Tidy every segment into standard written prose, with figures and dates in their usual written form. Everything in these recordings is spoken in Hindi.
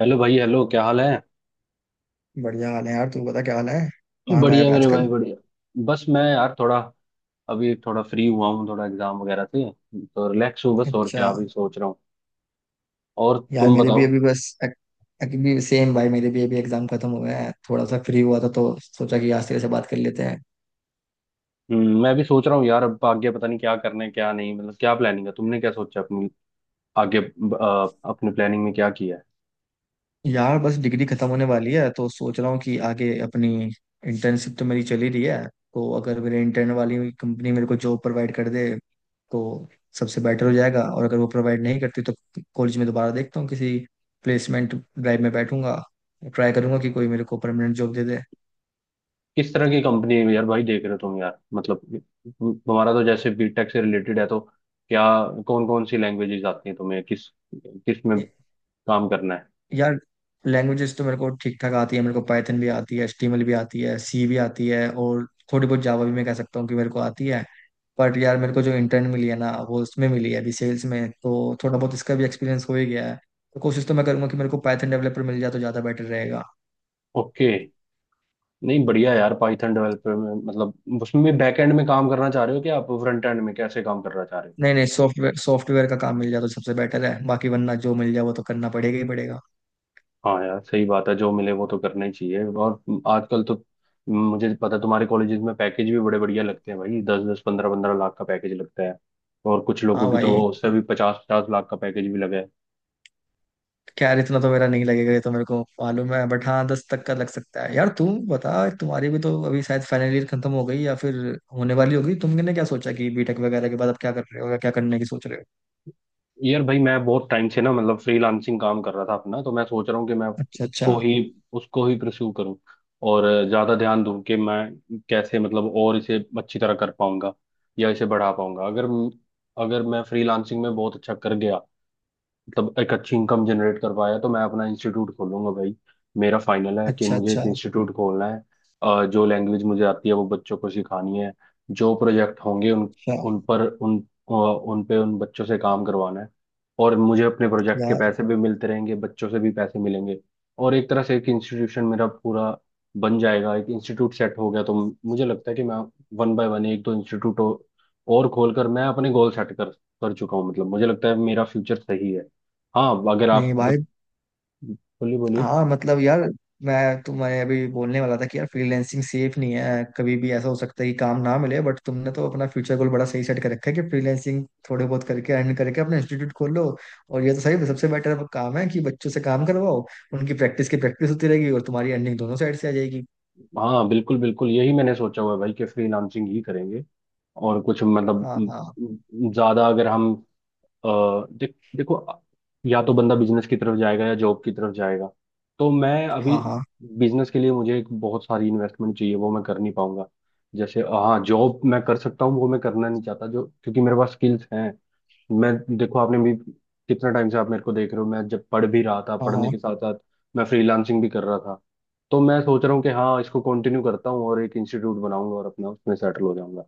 हेलो भाई, हेलो। क्या हाल है? बढ़िया हाल है यार। तू बता क्या हाल है। कहाँ गायब बढ़िया है मेरे आजकल। भाई, बढ़िया। बस मैं यार थोड़ा अभी थोड़ा फ्री हुआ हूँ थोड़ा एग्जाम वगैरह से, तो रिलैक्स हूँ बस, और क्या अच्छा। अभी सोच रहा हूँ। और यार तुम मेरे भी बताओ? अभी अभी सेम भाई। मेरे भी अभी एग्जाम खत्म हुए हैं। थोड़ा सा फ्री हुआ था तो सोचा कि आज तेरे से बात कर लेते हैं। मैं भी सोच रहा हूँ यार, अब आगे पता नहीं क्या करना है क्या नहीं, मतलब क्या प्लानिंग है? तुमने क्या सोचा अपनी आगे? अपने प्लानिंग में क्या किया है? यार बस डिग्री खत्म होने वाली है तो सोच रहा हूँ कि आगे अपनी इंटर्नशिप तो मेरी चली रही है। तो अगर मेरे इंटर्न वाली कंपनी मेरे को जॉब प्रोवाइड कर दे तो सबसे बेटर हो जाएगा। और अगर वो प्रोवाइड नहीं करती तो कॉलेज में दोबारा देखता हूँ। किसी प्लेसमेंट ड्राइव में बैठूंगा। ट्राई करूंगा कि कोई मेरे को परमानेंट जॉब दे किस तरह की कंपनी है यार भाई, देख रहे हो तुम, यार मतलब तुम्हारा तो जैसे बीटेक से रिलेटेड है, तो क्या कौन कौन सी लैंग्वेजेस आती हैं तुम्हें? किस किस में दे। काम करना है? यार लैंग्वेजेस तो मेरे को ठीक ठाक आती है। मेरे को पाइथन भी आती है, एचटीएमएल भी आती है, सी भी आती है और थोड़ी बहुत जावा भी मैं कह सकता हूँ कि मेरे को आती है। बट यार मेरे को जो इंटर्न मिली है ना वो उसमें मिली है अभी सेल्स में, तो थोड़ा बहुत इसका भी एक्सपीरियंस हो ही गया है। तो कोशिश तो मैं करूंगा कि मेरे को पाइथन डेवलपर मिल जाए तो ज़्यादा बेटर रहेगा। ओके। नहीं, बढ़िया यार, पाइथन डेवलपर में मतलब उसमें भी बैकएंड में काम करना चाह रहे हो कि आप फ्रंट एंड में कैसे काम करना चाह रहे हो? नहीं नहीं, सॉफ्टवेयर सॉफ्टवेयर का काम मिल जाए तो सबसे बेटर है, बाकी वरना जो मिल जाए वो तो करना पड़ेगा ही पड़ेगा। हाँ यार सही बात है, जो मिले वो तो करना ही चाहिए। और आजकल तो मुझे पता है तुम्हारे कॉलेजेस में पैकेज भी बड़े बढ़िया लगते हैं भाई, दस दस पंद्रह पंद्रह लाख का पैकेज लगता है। और कुछ लोगों हाँ की तो भाई। उससे भी पचास पचास लाख का पैकेज भी लगा है। क्या यार, इतना तो मेरा नहीं लगेगा, ये तो मेरे को मालूम है। बट हाँ 10 तक का लग सकता है। यार तुम बता, तुम्हारी भी तो अभी शायद फाइनल ईयर खत्म हो गई या फिर होने वाली होगी। तुमने क्या सोचा कि बीटेक वगैरह के बाद अब क्या कर रहे हो या क्या करने की सोच रहे हो। यार भाई मैं बहुत टाइम से ना, मतलब फ्रीलांसिंग काम कर रहा था अपना, तो मैं सोच रहा हूँ कि मैं अच्छा उसको अच्छा। ही उसको ही प्रस्यू करूँ और ज़्यादा ध्यान दूँ कि मैं कैसे, मतलब और इसे अच्छी तरह कर पाऊंगा या इसे बढ़ा पाऊंगा। अगर अगर मैं फ्रीलांसिंग में बहुत अच्छा कर गया, मतलब एक अच्छी इनकम जनरेट कर पाया, तो मैं अपना इंस्टीट्यूट खोलूंगा भाई। मेरा फाइनल है कि अच्छा मुझे एक अच्छा। इंस्टीट्यूट खोलना है। जो लैंग्वेज मुझे आती है वो बच्चों को सिखानी है। जो प्रोजेक्ट होंगे, उन अच्छा। उन पर उन अ, उन पे उन बच्चों से काम करवाना है। और मुझे अपने प्रोजेक्ट के यार पैसे भी मिलते रहेंगे, बच्चों से भी पैसे मिलेंगे। और एक तरह से एक इंस्टीट्यूशन मेरा पूरा बन जाएगा। एक इंस्टीट्यूट सेट हो गया तो मुझे लगता है कि मैं वन बाय वन एक दो इंस्टीट्यूट और खोलकर मैं अपने गोल सेट कर कर चुका हूँ, मतलब मुझे लगता है मेरा फ्यूचर सही है। हाँ, अगर नहीं आप भाई। कुछ, बोलिए बोलिए। हाँ मतलब यार, मैं तुम्हें अभी बोलने वाला था कि यार फ्रीलैंसिंग सेफ नहीं है। कभी भी ऐसा हो सकता है कि काम ना मिले। बट तुमने तो अपना फ्यूचर गोल बड़ा सही सेट कर रखा है कि फ्रीलैंसिंग थोड़े बहुत करके अर्न करके अपना इंस्टीट्यूट खोल लो। और ये तो सही सबसे बेटर काम है कि बच्चों से काम करवाओ। उनकी प्रैक्टिस होती रहेगी और तुम्हारी अर्निंग दोनों साइड से आ जाएगी। हाँ, बिल्कुल बिल्कुल यही मैंने सोचा हुआ है भाई कि फ्रीलांसिंग ही करेंगे। और कुछ, मतलब हाँ हाँ। ज्यादा अगर हम अ, देखो या तो बंदा बिजनेस की तरफ जाएगा या जॉब की तरफ जाएगा। तो मैं अभी हाँ हाँ। बिजनेस के लिए, मुझे एक बहुत सारी इन्वेस्टमेंट चाहिए, वो मैं कर नहीं पाऊंगा। जैसे हाँ जॉब मैं कर सकता हूँ, वो मैं करना नहीं चाहता जो, क्योंकि मेरे पास स्किल्स हैं। मैं, देखो आपने भी कितना टाइम से आप मेरे को देख रहे हो, मैं जब पढ़ भी रहा था, हाँ पढ़ने हाँ। के साथ साथ मैं फ्रीलांसिंग भी कर रहा था। तो मैं सोच रहा हूँ कि हाँ इसको कंटिन्यू करता हूँ और एक इंस्टीट्यूट बनाऊंगा और अपना उसमें सेटल हो जाऊंगा।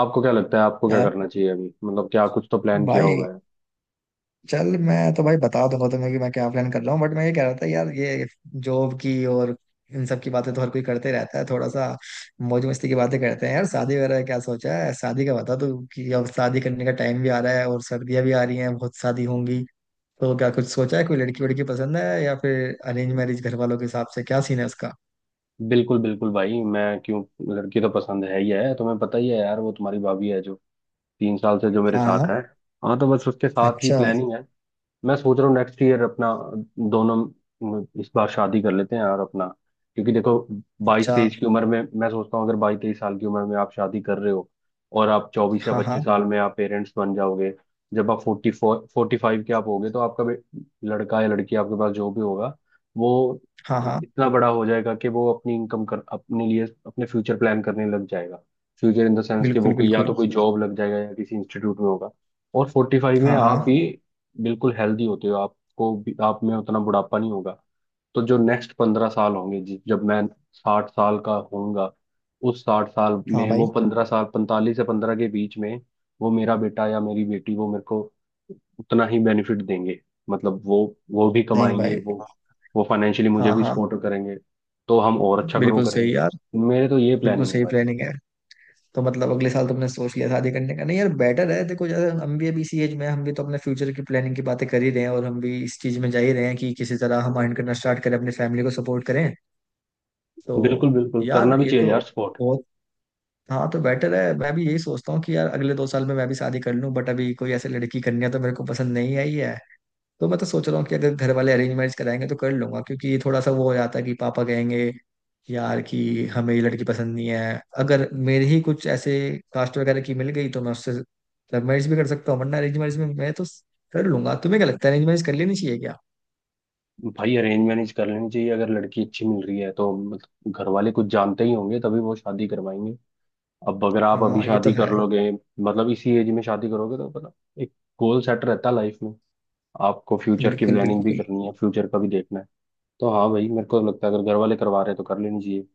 आपको क्या लगता है आपको क्या यार करना चाहिए अभी, मतलब क्या कुछ तो प्लान किया भाई, होगा है? चल मैं तो भाई बता दूंगा तुम्हें कि मैं क्या प्लान कर रहा हूँ। बट मैं ये कह रहा था यार, ये जॉब की और इन सब की बातें तो हर कोई करते रहता है। थोड़ा सा मौज मस्ती की बातें करते हैं यार। शादी वगैरह क्या सोचा है, शादी का बता तू, कि अब शादी करने का टाइम भी आ रहा है और सर्दियां भी आ रही हैं, बहुत शादी होंगी। तो क्या कुछ सोचा है, कोई लड़की वड़की पसंद है या फिर अरेंज मैरिज घर वालों के हिसाब से, क्या सीन है उसका। बिल्कुल बिल्कुल भाई, मैं क्यों, लड़की तो पसंद है ही है, तुम्हें पता ही है यार, वो तुम्हारी भाभी है जो 3 साल से जो मेरे हाँ साथ हाँ। है। हाँ, तो बस उसके साथ ही अच्छा। प्लानिंग है। मैं सोच रहा हूँ नेक्स्ट ईयर अपना दोनों इस बार शादी कर लेते हैं और अपना, क्योंकि देखो बाईस अच्छा। तेईस की उम्र में मैं सोचता हूँ, अगर 22-23 साल की उम्र में आप शादी कर रहे हो और आप 24 या हाँ हाँ। 25 साल में आप पेरेंट्स बन जाओगे, जब आप 44-45 के आप होगे तो आपका लड़का या लड़की आपके पास जो भी होगा वो हाँ हाँ। इतना बड़ा हो जाएगा कि वो अपनी इनकम कर, अपने लिए अपने फ्यूचर प्लान करने लग जाएगा। फ्यूचर इन द सेंस कि वो बिल्कुल या बिल्कुल। तो कोई जॉब लग जाएगा या किसी इंस्टीट्यूट में होगा। और 45 में हाँ आप हाँ। भी बिल्कुल हेल्दी होते हो, आपको भी आप में उतना बुढ़ापा नहीं होगा। तो जो नेक्स्ट 15 साल होंगे जब मैं 60 साल का होऊंगा, उस 60 साल हाँ में भाई। वो 15 साल, 45 से 15 के बीच में वो मेरा बेटा या मेरी बेटी वो मेरे को उतना ही बेनिफिट देंगे, मतलब वो भी नहीं कमाएंगे, भाई। वो फाइनेंशियली मुझे हाँ भी हाँ। सपोर्ट करेंगे। तो हम और अच्छा ग्रो बिल्कुल करेंगे। सही यार। मेरे तो ये बिल्कुल प्लानिंग है सही भाई। प्लानिंग है। तो मतलब अगले साल तुमने सोच लिया शादी करने का। नहीं यार बेटर है, देखो जैसे हम भी अभी इसी एज में हैं, हम भी तो अपने फ्यूचर की प्लानिंग की बातें कर ही रहे हैं और हम भी इस चीज में जा ही रहे हैं कि किसी तरह हम अर्न करना स्टार्ट करें, अपनी फैमिली को सपोर्ट करें। बिल्कुल तो बिल्कुल यार करना भी ये चाहिए तो यार सपोर्ट। बहुत। हाँ तो बेटर है, मैं भी यही सोचता हूँ कि यार अगले 2 साल में मैं भी शादी कर लूँ। बट अभी कोई ऐसी लड़की कन्या तो मेरे को पसंद नहीं आई है। तो मैं तो सोच रहा हूँ कि अगर घर वाले अरेंज मैरिज कराएंगे तो कर लूंगा, क्योंकि ये थोड़ा सा वो हो जाता है कि पापा कहेंगे यार कि हमें ये लड़की पसंद नहीं है। अगर मेरे ही कुछ ऐसे कास्ट वगैरह की मिल गई तो मैं उससे लव मैरिज भी कर सकता हूँ, वरना अरेंज मैरिज में मैं तो कर लूंगा। तुम्हें क्या लगता है, अरेंज मैरिज कर लेनी चाहिए क्या। भाई अरेंज मैरिज कर लेनी चाहिए, अगर लड़की अच्छी मिल रही है तो, मतलब घर वाले कुछ जानते ही होंगे तभी वो शादी करवाएंगे। अब अगर आप अभी हाँ ये तो शादी कर है। लोगे, मतलब इसी एज में शादी करोगे तो पता, एक गोल सेट रहता है लाइफ में। आपको फ्यूचर की बिल्कुल प्लानिंग भी बिल्कुल। करनी है, फ्यूचर का भी देखना है। तो हाँ भाई मेरे को लगता है अगर घर वाले करवा रहे हैं तो कर लेनी चाहिए।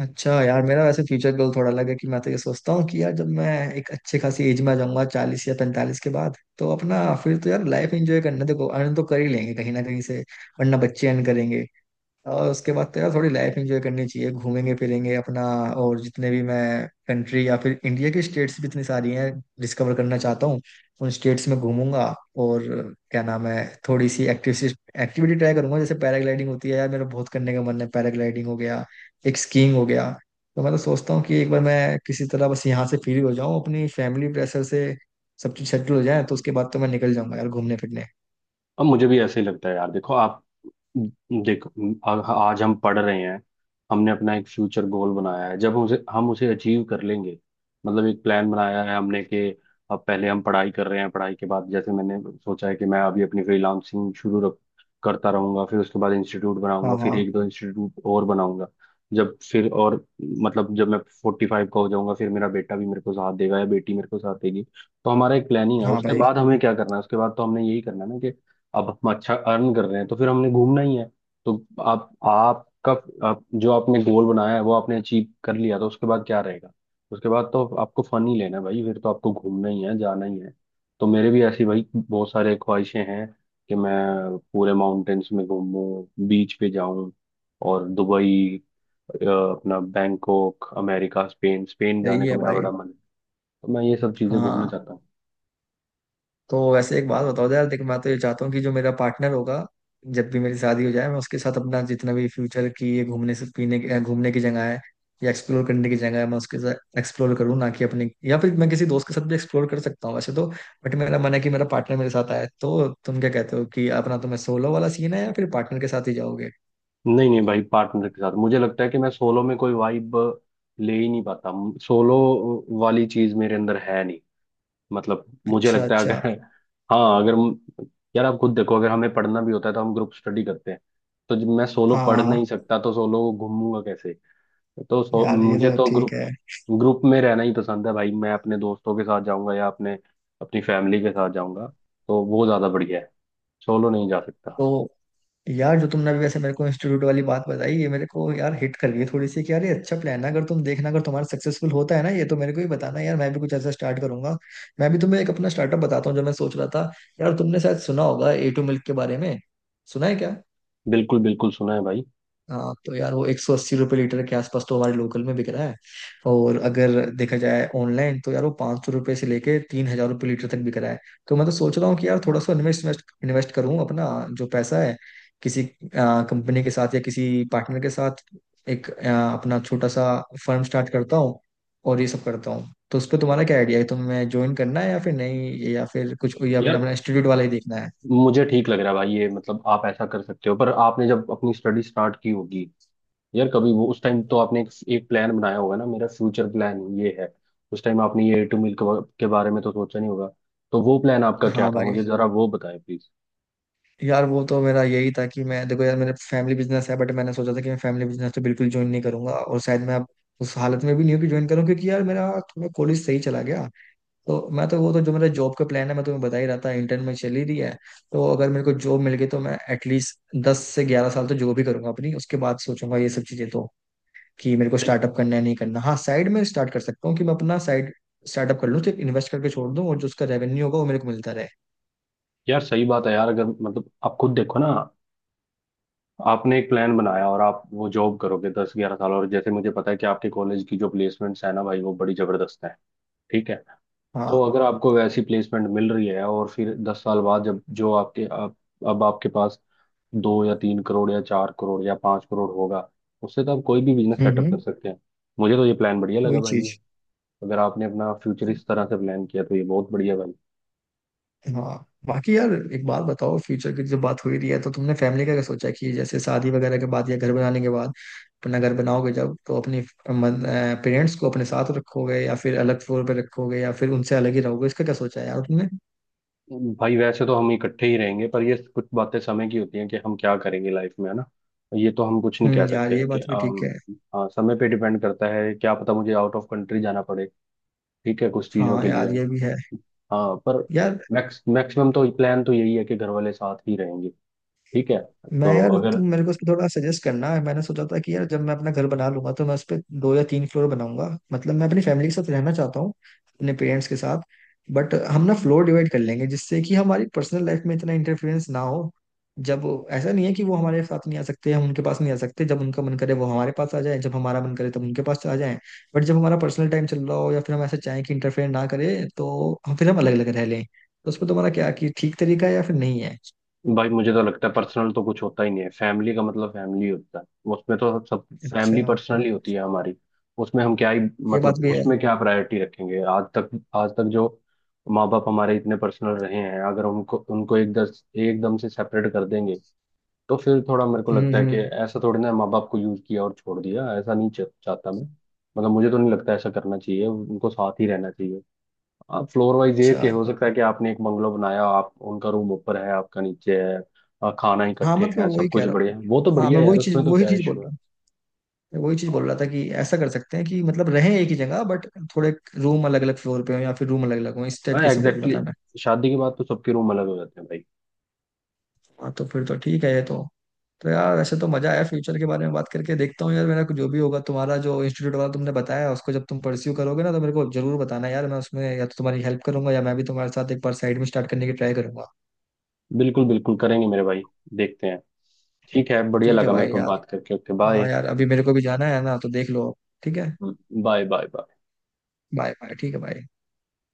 अच्छा यार, मेरा वैसे फ्यूचर गोल थोड़ा अलग है कि मैं तो ये सोचता हूँ कि यार जब मैं एक अच्छे खासी एज में आ जाऊंगा, 40 या 45 के बाद, तो अपना फिर तो यार लाइफ एंजॉय करना। देखो अर्न तो कर ही लेंगे कहीं ना कहीं से, वरना बच्चे अर्न करेंगे। और उसके बाद तो यार थोड़ी लाइफ एंजॉय करनी चाहिए। घूमेंगे फिरेंगे अपना, और जितने भी मैं कंट्री या फिर इंडिया की स्टेट्स भी इतनी सारी हैं, डिस्कवर करना चाहता हूँ। उन स्टेट्स में घूमूंगा। और क्या नाम है, थोड़ी सी एक्टिविटी ट्राई करूंगा, जैसे पैराग्लाइडिंग होती है, यार मेरा बहुत करने का मन है। पैराग्लाइडिंग हो गया, एक स्कीइंग हो गया। तो मैं तो सोचता हूँ कि एक बार मैं किसी तरह बस यहाँ से फ्री हो जाऊँ, अपनी फैमिली प्रेशर से सब चीज सेटल हो जाए, तो उसके बाद तो मैं निकल जाऊंगा यार घूमने फिरने। अब मुझे भी ऐसे ही लगता है यार, देखो आप, देखो, आ- आज हम पढ़ रहे हैं, हमने अपना एक फ्यूचर गोल बनाया है, जब उसे हम उसे अचीव कर लेंगे, मतलब एक प्लान बनाया है हमने कि अब पहले हम पढ़ाई कर रहे हैं, पढ़ाई के बाद जैसे मैंने सोचा है कि मैं अभी अपनी फ्रीलांसिंग शुरू करता रहूंगा, फिर उसके बाद इंस्टीट्यूट हाँ बनाऊंगा, फिर हाँ। एक दो इंस्टीट्यूट और बनाऊंगा, जब फिर और मतलब जब मैं 45 का हो जाऊंगा फिर मेरा बेटा भी मेरे को साथ देगा या बेटी मेरे को साथ देगी। तो हमारा एक प्लानिंग है हाँ उसके भाई। बाद हमें क्या करना है, उसके बाद तो हमने यही करना है ना। अब हम अच्छा अर्न कर रहे हैं तो फिर हमने घूमना ही है। तो आप आपका आप, जो आपने गोल बनाया है वो आपने अचीव कर लिया तो उसके बाद क्या रहेगा? उसके बाद तो आपको फन ही लेना है भाई, फिर तो आपको घूमना ही है, जाना ही है। तो मेरे भी ऐसी भाई बहुत सारे ख्वाहिशें हैं कि मैं पूरे माउंटेन्स में घूमूं, बीच पे जाऊं, और दुबई, अपना बैंकॉक, अमेरिका, स्पेन, स्पेन सही जाने का है मेरा भाई। बड़ा मन है। तो मैं ये सब चीजें घूमना हाँ चाहता हूँ। तो वैसे एक बात बताओ यार। देख मैं तो ये चाहता हूँ कि जो मेरा पार्टनर होगा, जब भी मेरी शादी हो जाए, मैं उसके साथ अपना जितना भी फ्यूचर की ये घूमने से पीने की घूमने की जगह है या एक्सप्लोर करने की जगह है, मैं उसके साथ एक्सप्लोर करूँ, ना कि अपने। या फिर मैं किसी दोस्त के साथ भी एक्सप्लोर कर सकता हूँ वैसे तो, बट मेरा मन है कि मेरा पार्टनर मेरे साथ आए। तो तुम क्या कहते हो कि अपना तुम्हें सोलो वाला सीन है या फिर पार्टनर के साथ ही जाओगे। नहीं नहीं भाई, पार्टनर के साथ। मुझे लगता है कि मैं सोलो में कोई वाइब ले ही नहीं पाता, सोलो वाली चीज मेरे अंदर है नहीं। मतलब मुझे अच्छा लगता है अच्छा। अगर, हाँ अगर यार आप खुद देखो, अगर हमें पढ़ना भी होता है तो हम ग्रुप स्टडी करते हैं, तो जब मैं सोलो हाँ पढ़ नहीं हाँ। सकता तो सोलो घूमूंगा कैसे? तो सो, यार ये मुझे तो तो ठीक ग्रुप है। ग्रुप में रहना ही पसंद है भाई, मैं अपने दोस्तों के साथ जाऊंगा या अपने अपनी फैमिली के साथ जाऊंगा, तो वो ज्यादा बढ़िया है। सोलो नहीं जा सकता। तो यार जो तुमने अभी वैसे मेरे को इंस्टीट्यूट वाली बात बताई, ये मेरे को यार हिट कर गई थोड़ी सी कि यार ये अच्छा प्लान है। अगर तुम देखना, अगर तुम्हारा सक्सेसफुल होता है ना ये, तो मेरे को ही बताना यार, मैं भी कुछ ऐसा स्टार्ट करूंगा। मैं भी तुम्हें एक अपना स्टार्टअप बताता हूँ जो मैं सोच रहा था। यार तुमने शायद सुना होगा ए टू मिल्क के बारे में। सुना है क्या। बिल्कुल बिल्कुल सुना है भाई। हाँ तो यार वो 180 रुपये लीटर के आसपास तो हमारे लोकल में बिक रहा है। और अगर देखा जाए ऑनलाइन तो यार वो 500 रुपये से लेके 3,000 रुपये लीटर तक बिक रहा है। तो मैं तो सोच रहा हूँ कि यार थोड़ा सा इन्वेस्ट इन्वेस्ट करूँ अपना, जो पैसा है, किसी कंपनी के साथ या किसी पार्टनर के साथ, एक अपना छोटा सा फर्म स्टार्ट करता हूँ और ये सब करता हूँ। तो उस पर तुम्हारा क्या आइडिया है, तुम्हें ज्वाइन करना है या फिर नहीं, या फिर कुछ, या फिर यार अपना इंस्टीट्यूट वाला ही देखना है। मुझे ठीक लग रहा है भाई ये, मतलब आप ऐसा कर सकते हो, पर आपने जब अपनी स्टडी स्टार्ट की होगी यार कभी, वो उस टाइम तो आपने एक प्लान बनाया होगा ना, मेरा फ्यूचर प्लान ये है। उस टाइम आपने ये ए टू मिल के बारे में तो सोचा नहीं होगा। तो वो प्लान आपका क्या हाँ था, भाई। मुझे जरा वो बताएं प्लीज। यार वो तो मेरा यही था कि मैं, देखो यार मेरा फैमिली बिजनेस है, बट मैंने सोचा था कि मैं फैमिली बिजनेस तो बिल्कुल ज्वाइन नहीं करूंगा। और शायद मैं अब उस हालत में भी नहीं हूँ कि ज्वाइन करूँ, क्योंकि यार मेरा थोड़ा कॉलेज सही चला गया। तो मैं तो वो तो जो मेरा जॉब का प्लान है मैं तुम्हें बता ही रहा था, इंटर्न में चल ही रही है। तो अगर मेरे को जॉब मिल गई तो मैं एटलीस्ट 10 से 11 साल तो जॉब ही करूंगा अपनी। उसके बाद सोचूंगा ये सब चीजें तो, कि मेरे को सही। स्टार्टअप करना है, नहीं करना। हाँ साइड में स्टार्ट कर सकता हूँ कि मैं अपना साइड स्टार्टअप कर लूँ, सिर्फ इन्वेस्ट करके छोड़ दूँ और जो उसका रेवेन्यू होगा वो मेरे को मिलता रहे। यार सही बात है यार, अगर मतलब आप खुद देखो ना, आपने एक प्लान बनाया और आप वो जॉब करोगे 10-11 साल, और जैसे मुझे पता है कि आपके कॉलेज की जो प्लेसमेंट्स है ना भाई वो बड़ी जबरदस्त है। ठीक है। तो हाँ। अगर आपको वैसी प्लेसमेंट मिल रही है और फिर 10 साल बाद जब जो आपके आप, अब आपके पास दो या तीन करोड़ या चार करोड़ या पांच करोड़ होगा, उससे तो आप कोई भी बिजनेस सेटअप कर हम्म। सकते हैं। मुझे तो ये प्लान बढ़िया लगा वही भाई ये, चीज। अगर आपने अपना फ्यूचर इस तरह से प्लान किया तो ये बहुत बढ़िया भाई। हाँ बाकी यार एक बात बताओ, फ्यूचर की जब बात हो ही रही है तो तुमने फैमिली का क्या सोचा है, कि जैसे शादी वगैरह के बाद या घर बनाने के बाद अपना घर बनाओगे जब, तो अपने पेरेंट्स को अपने साथ रखोगे या फिर अलग फ्लोर पे रखोगे या फिर उनसे अलग ही रहोगे। इसका क्या सोचा है यार तुमने। भाई वैसे तो हम इकट्ठे ही रहेंगे, पर ये कुछ बातें समय की होती हैं कि हम क्या करेंगे लाइफ में, है ना। ये तो हम कुछ नहीं कह यार सकते ये हैं कि बात भी ठीक है। हाँ समय पे डिपेंड करता है, क्या पता मुझे आउट ऑफ कंट्री जाना पड़े। ठीक है कुछ चीजों हाँ के लिए। यार ये भी है। हाँ पर यार मैक्स मैक्सिमम तो प्लान तो यही है कि घर वाले साथ ही रहेंगे। ठीक है। मैं, तो यार तुम अगर, मेरे को उस पे थोड़ा सजेस्ट करना है। मैंने सोचा था कि यार जब मैं अपना घर बना लूंगा तो मैं उस पे 2 या 3 फ्लोर बनाऊंगा। मतलब मैं अपनी फैमिली के साथ रहना चाहता हूँ, अपने पेरेंट्स के साथ। बट हम ना फ्लोर डिवाइड कर लेंगे जिससे कि हमारी पर्सनल लाइफ में इतना इंटरफेरेंस ना हो। ऐसा नहीं है कि वो हमारे साथ नहीं आ सकते, हम उनके पास नहीं आ सकते। जब उनका मन करे वो हमारे पास आ जाए, जब हमारा मन करे तब उनके पास आ जाए। बट जब हमारा पर्सनल टाइम चल रहा हो या फिर हम ऐसा चाहें कि इंटरफेयर ना करे, तो हम फिर हम अलग अलग रह लें। तो उस पर तुम्हारा क्या, कि ठीक तरीका है या फिर नहीं है। भाई मुझे तो लगता है पर्सनल तो कुछ होता ही नहीं है, फैमिली का मतलब फैमिली होता है। उसमें तो सब सब अच्छा फैमिली पर्सनल ही होती है हमारी। उसमें हम क्या ही, ये मतलब बात भी है। उसमें क्या प्रायोरिटी रखेंगे? आज तक जो माँ बाप हमारे इतने पर्सनल रहे हैं, अगर उनको उनको एक दस एकदम से सेपरेट कर देंगे तो फिर थोड़ा मेरे को लगता है कि हम्म। ऐसा थोड़ी ना माँ बाप को यूज किया और छोड़ दिया, ऐसा नहीं चाहता मैं। मतलब मुझे तो नहीं लगता ऐसा करना चाहिए, उनको साथ ही रहना चाहिए। आप फ्लोर वाइज ये अच्छा। कि हो सकता है कि आपने एक बंगलो बनाया, आप उनका रूम ऊपर है आपका नीचे है, खाना हाँ इकट्ठे मतलब है, मैं सब वही कह कुछ रहा हूँ। बढ़िया है, वो तो हाँ बढ़िया मैं है यार वही चीज उसमें तो क्या बोल इशू है। रहा हूँ। मैं वही चीज बोल रहा था कि ऐसा कर सकते हैं कि मतलब रहें एक ही जगह, बट थोड़े रूम अलग अलग फ्लोर पे हो या फिर रूम अलग अलग हो, इस टाइप हाँ कैसे बोल रहा एग्जैक्टली था मैं। exactly, शादी के बाद तो सबके रूम अलग हो जाते हैं भाई। हाँ तो फिर तो ठीक है ये तो। तो यार वैसे तो मजा आया फ्यूचर के बारे में बात करके। देखता हूँ यार मेरा कुछ जो भी होगा। तुम्हारा जो इंस्टीट्यूट वाला तुमने बताया उसको जब तुम परस्यू करोगे ना, तो मेरे को जरूर बताना यार, मैं उसमें या तो तुम्हारी हेल्प करूंगा या मैं भी तुम्हारे साथ एक बार साइड में स्टार्ट करने की ट्राई करूंगा। बिल्कुल बिल्कुल करेंगे मेरे भाई। देखते हैं। ठीक है, बढ़िया ठीक है लगा मेरे भाई। को यार बात करके। ओके हाँ बाय यार अभी मेरे को भी जाना है ना तो देख लो। ठीक है। Bye bye bye. Bye bye. ठीक है बाय।